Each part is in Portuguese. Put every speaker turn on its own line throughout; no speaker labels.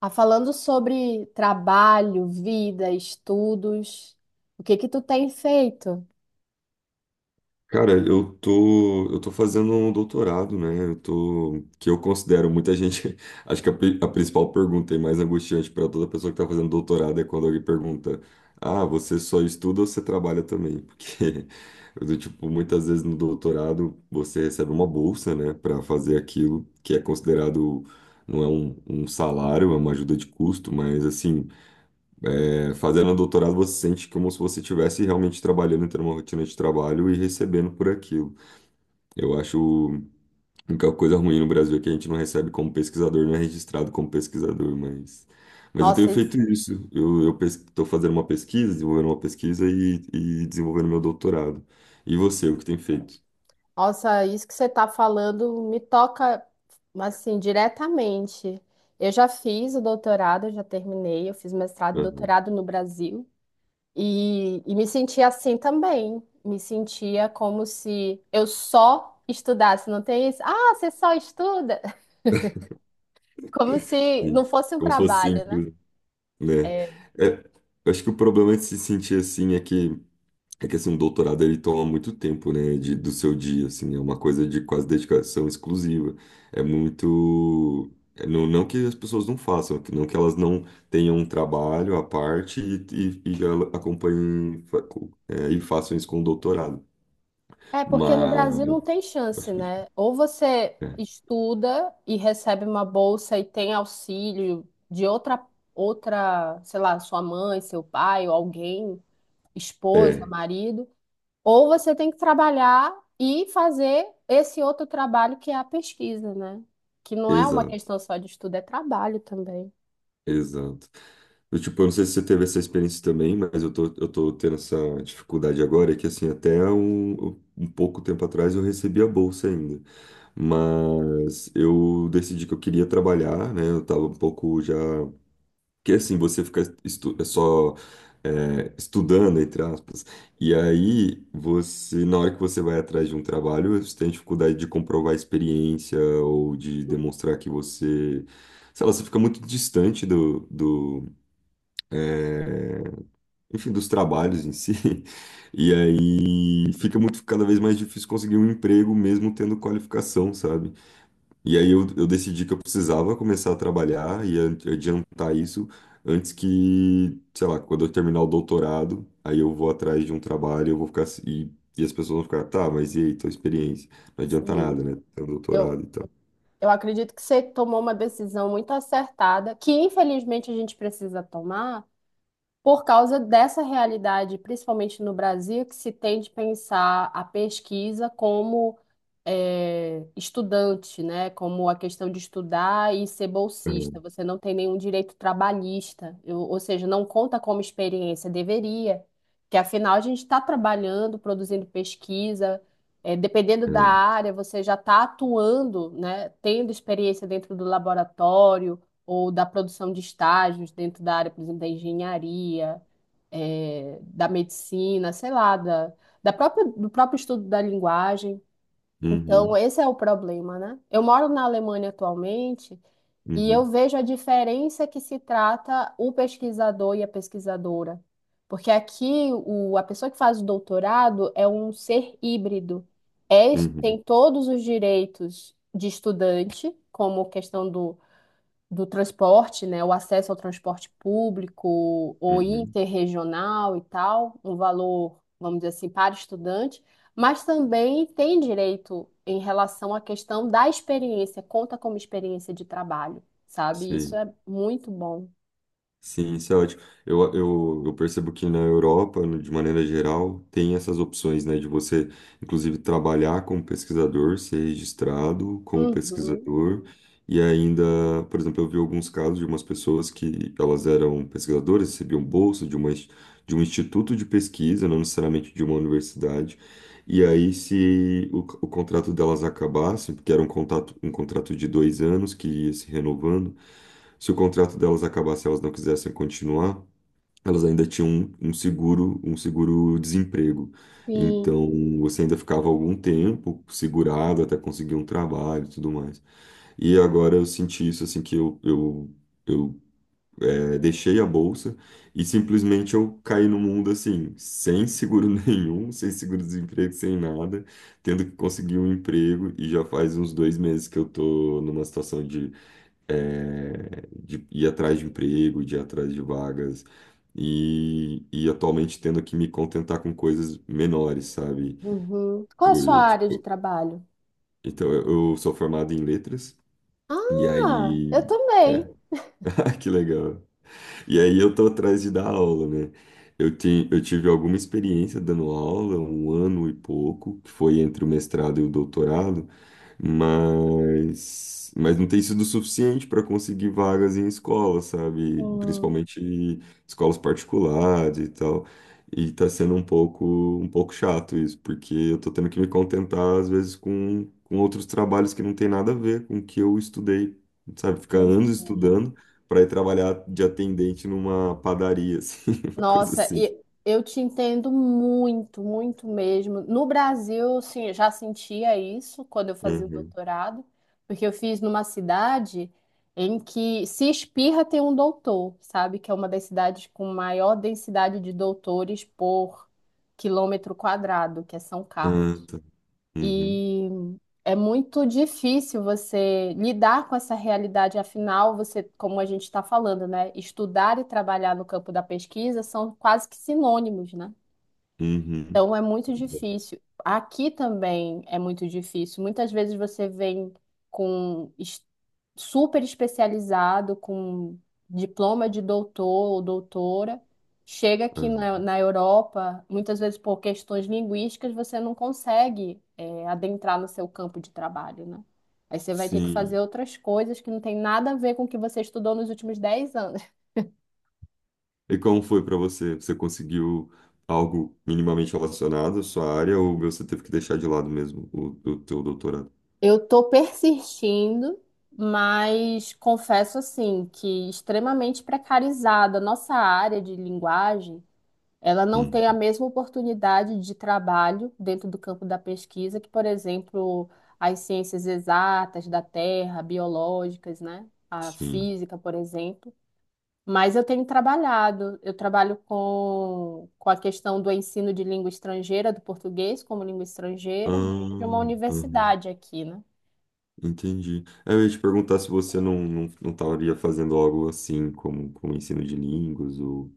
Ah, falando sobre trabalho, vida, estudos, o que que tu tem feito?
Cara, eu tô fazendo um doutorado, né? Que eu considero muita gente, acho que a principal pergunta e mais angustiante para toda pessoa que tá fazendo doutorado é quando alguém pergunta: "Ah, você só estuda ou você trabalha também?" Porque do tipo, muitas vezes no doutorado você recebe uma bolsa, né, para fazer aquilo que é considerado não é um salário, é uma ajuda de custo, mas assim, fazendo um doutorado você sente como se você estivesse realmente trabalhando, tendo uma rotina de trabalho e recebendo por aquilo. Eu acho a única coisa ruim no Brasil é que a gente não recebe como pesquisador, não é registrado como pesquisador, mas eu tenho
Nossa,
feito
isso,
isso. Eu estou fazendo uma pesquisa, desenvolvendo uma pesquisa e desenvolvendo meu doutorado. E você, o que tem feito?
Nossa, isso que você está falando me toca assim diretamente. Eu já fiz o doutorado, eu já terminei, eu fiz mestrado e
Aham,
doutorado no Brasil e me sentia assim também. Me sentia como se eu só estudasse, não tem isso? Ah, você só estuda? Como se não
sim.
fosse um
Como se fosse
trabalho, né?
simples, né?
É,
É, eu acho que o problema de se sentir assim é que assim, um doutorado ele toma muito tempo, né, do seu dia, assim, é uma coisa de quase dedicação exclusiva. É muito, é, não, não que as pessoas não façam, é que- não que elas não tenham um trabalho à parte e já acompanhem e façam isso com o doutorado.
é, porque no
Mas
Brasil não tem chance, né? Ou você
é,
estuda e recebe uma bolsa e tem auxílio de outra, sei lá, sua mãe, seu pai, ou alguém, esposa,
é,
marido, ou você tem que trabalhar e fazer esse outro trabalho que é a pesquisa, né? Que não é uma
exato,
questão só de estudo, é trabalho também.
exato. Eu, tipo, eu não sei se você teve essa experiência também, mas eu tô tendo essa dificuldade agora, é que assim, até um pouco tempo atrás eu recebi a bolsa ainda. Mas eu decidi que eu queria trabalhar, né? Eu tava um pouco já. Porque assim, você fica estudando, entre aspas, e aí você, na hora que você vai atrás de um trabalho, você tem dificuldade de comprovar a experiência ou de demonstrar que você. Sei lá, você fica muito distante enfim, dos trabalhos em si. E aí fica muito cada vez mais difícil conseguir um emprego mesmo tendo qualificação, sabe? E aí eu decidi que eu precisava começar a trabalhar e adiantar isso antes que, sei lá, quando eu terminar o doutorado, aí eu vou atrás de um trabalho, eu vou ficar se- e as pessoas vão ficar, tá, mas e aí, tua experiência? Não adianta
Sim.
nada, né? Ter um
Eu,
doutorado e tal.
eu acredito que você tomou uma decisão muito acertada, que infelizmente a gente precisa tomar por causa dessa realidade, principalmente no Brasil, que se tende a pensar a pesquisa como estudante, né? Como a questão de estudar e ser bolsista. Você não tem nenhum direito trabalhista, ou seja, não conta como experiência, deveria, que afinal a gente está trabalhando, produzindo pesquisa. Eh, dependendo
É,
da
é.
área, você já está atuando, né, tendo experiência dentro do laboratório, ou da produção de estágios dentro da área, por exemplo, da engenharia, da medicina, sei lá, do próprio estudo da linguagem. Então,
Uhum,
esse é o problema, né? Eu moro na Alemanha atualmente e eu
uhum,
vejo a diferença que se trata o pesquisador e a pesquisadora. Porque aqui a pessoa que faz o doutorado é um ser híbrido. É,
uhum,
tem todos os direitos de estudante, como questão do transporte, né, o acesso ao transporte público ou
uhum,
interregional e tal, um valor, vamos dizer assim, para estudante, mas também tem direito em relação à questão da experiência, conta como experiência de trabalho, sabe? Isso
sei.
é muito bom.
Sim, isso é ótimo. Eu percebo que na Europa, de maneira geral, tem essas opções, né, de você, inclusive, trabalhar como pesquisador, ser registrado como
Uhum,
pesquisador, e ainda, por exemplo, eu vi alguns casos de umas pessoas que elas eram pesquisadoras, recebiam bolsa de de um instituto de pesquisa, não necessariamente de uma universidade, e aí, se o, o contrato delas acabasse, porque era um contrato de dois anos que ia se renovando, se o contrato delas acabasse e elas não quisessem continuar, elas ainda tinham um seguro, um seguro-desemprego.
sim.
Então, você ainda ficava algum tempo segurado até conseguir um trabalho e tudo mais. E agora eu senti isso, assim, que eu Deixei a bolsa e simplesmente eu caí no mundo assim, sem seguro nenhum, sem seguro-desemprego, sem nada, tendo que conseguir um emprego e já faz uns dois meses que eu tô numa situação de ir atrás de emprego, de ir atrás de vagas e atualmente tendo que me contentar com coisas menores, sabe?
Uhum. Qual é a
Pô,
sua
eu,
área de
tipo,
trabalho?
então eu sou formado em letras e
Ah, eu
aí... é,
também.
que legal. E aí eu tô atrás de dar aula, né? Eu tive alguma experiência dando aula, um ano e pouco, que foi entre o mestrado e o doutorado, mas não tem sido suficiente para conseguir vagas em escolas, sabe?
Hum.
Principalmente escolas particulares e tal. E tá sendo um pouco chato isso, porque eu tô tendo que me contentar, às vezes, com outros trabalhos que não tem nada a ver com o que eu estudei, sabe? Ficar
eu
anos estudando para ir trabalhar de atendente numa padaria, assim, uma coisa
Nossa,
assim.
e eu te entendo muito, muito mesmo. No Brasil, sim, eu já sentia isso quando eu fazia o
Uhum.
doutorado, porque eu fiz numa cidade em que se espirra tem um doutor, sabe? Que é uma das cidades com maior densidade de doutores por quilômetro quadrado, que é São Carlos.
Ah, tá. Uhum.
E é muito difícil você lidar com essa realidade, afinal, você, como a gente está falando, né? Estudar e trabalhar no campo da pesquisa são quase que sinônimos, né?
Uhum.
Então é muito difícil. Aqui também é muito difícil. Muitas vezes você vem com super especializado, com diploma de doutor ou doutora. Chega aqui na,
Aham.
na Europa, muitas vezes por questões linguísticas, você não consegue, adentrar no seu campo de trabalho, né? Aí você vai ter que fazer
Sim.
outras coisas que não tem nada a ver com o que você estudou nos últimos 10 anos.
E como foi para você? Você conseguiu algo minimamente relacionado à sua área ou você teve que deixar de lado mesmo o teu doutorado?
Eu tô persistindo, mas confesso assim que extremamente precarizada. Nossa área de linguagem, ela não
Hum,
tem a mesma oportunidade de trabalho dentro do campo da pesquisa que, por exemplo, as ciências exatas da Terra, biológicas, né? A
Sim.
física, por exemplo. Mas eu tenho trabalhado, eu trabalho com a questão do ensino de língua estrangeira, do português como língua estrangeira, dentro de uma
Ah, aham.
universidade aqui, né?
Entendi. É, Eu ia te perguntar se você não estaria fazendo algo assim como, como ensino de línguas ou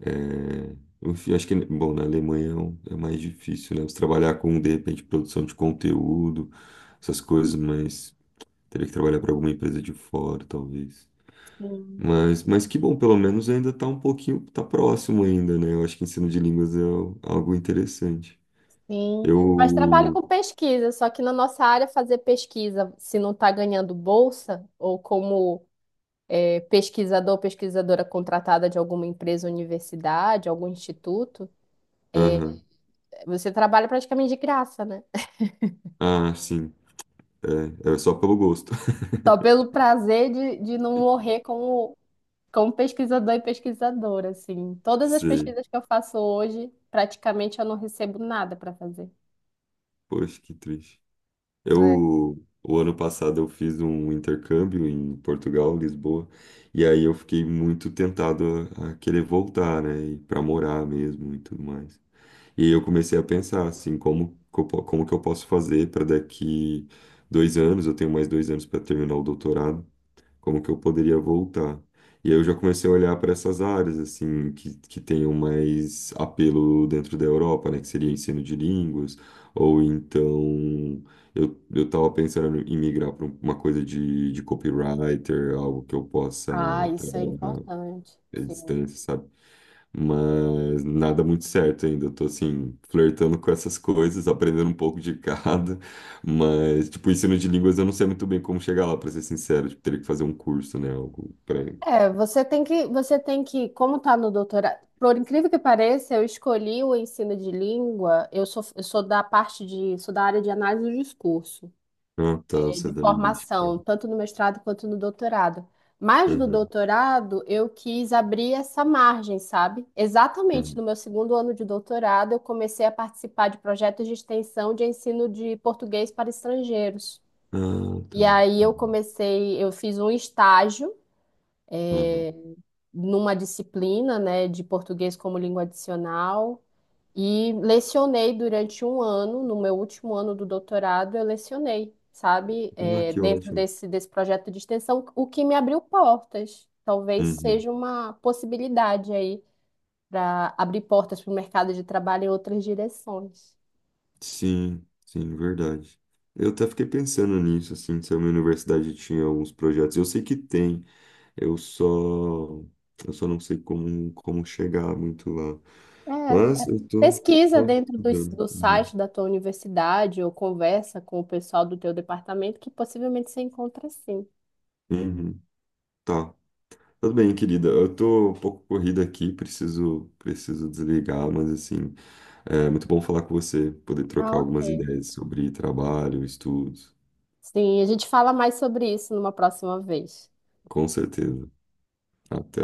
É, Enfim, acho que, bom, na Alemanha é é mais difícil, né? Você trabalhar com, de repente, produção de conteúdo, essas coisas, mas teria que trabalhar para alguma empresa de fora, talvez.
Sim.
Mas que bom, pelo menos ainda está um pouquinho, tá próximo ainda, né? Eu acho que ensino de línguas é algo interessante.
Sim, mas trabalho
Eu.
com pesquisa, só que na nossa área fazer pesquisa, se não está ganhando bolsa, ou como pesquisador, pesquisadora contratada de alguma empresa, universidade, algum instituto,
Aham.
você trabalha praticamente de graça, né?
Ah, sim. É, é só pelo gosto.
Só pelo prazer de não morrer como pesquisador e pesquisadora, assim. Todas as
Sei.
pesquisas que eu faço hoje, praticamente eu não recebo nada para fazer.
Poxa, que triste.
Né?
Eu, o ano passado eu fiz um intercâmbio em Portugal, Lisboa, e aí eu fiquei muito tentado a querer voltar, né, e para morar mesmo e tudo mais. E aí eu comecei a pensar assim, como que como que eu posso fazer para daqui dois anos, eu tenho mais dois anos para terminar o doutorado, como que eu poderia voltar. E aí eu já comecei a olhar para essas áreas, assim, que tenham mais apelo dentro da Europa, né? Que seria ensino de línguas, ou então eu tava pensando em migrar para uma coisa de copywriter, algo que eu possa
Ah, isso é
trabalhar
importante.
à
Sim.
distância, sabe? Mas nada muito certo ainda. Eu tô assim, flertando com essas coisas, aprendendo um pouco de cada. Mas, tipo, ensino de línguas eu não sei muito bem como chegar lá, pra ser sincero. Tipo, teria que fazer um curso, né? Algo pra.
É, como tá no doutorado, por incrível que pareça, eu escolhi o ensino de língua, eu sou sou da área de análise do discurso,
Ah, tá, você é
de
da linguística.
formação, tanto no mestrado quanto no doutorado. Mas no
Uhum,
doutorado, eu quis abrir essa margem, sabe? Exatamente
uhum.
no meu segundo ano de doutorado, eu comecei a participar de projetos de extensão de ensino de português para estrangeiros.
Ah, tá.
E aí eu
Uhum,
comecei, eu fiz um estágio
uhum.
é, numa disciplina, né, de português como língua adicional e lecionei durante um ano, no meu último ano do doutorado, eu lecionei, sabe,
Ah, que
dentro
ótimo.
desse projeto de extensão, o que me abriu portas. Talvez
Uhum.
seja uma possibilidade aí para abrir portas para o mercado de trabalho em outras direções.
Sim, sim, verdade. Eu até fiquei pensando nisso, assim, se a minha universidade tinha alguns projetos. Eu sei que tem. Eu só, eu só não sei como, como chegar muito lá.
É,
Mas
é, pesquisa
tô
dentro do,
estudando.
do
Uhum.
site da tua universidade ou conversa com o pessoal do teu departamento que possivelmente você encontra sim.
Uhum. Tá. Tudo bem, querida. Eu tô um pouco corrida aqui, preciso desligar, mas assim, é muito bom falar com você, poder trocar
Ah,
algumas
ok.
ideias sobre trabalho, estudos.
Sim, a gente fala mais sobre isso numa próxima vez.
Com certeza. Até.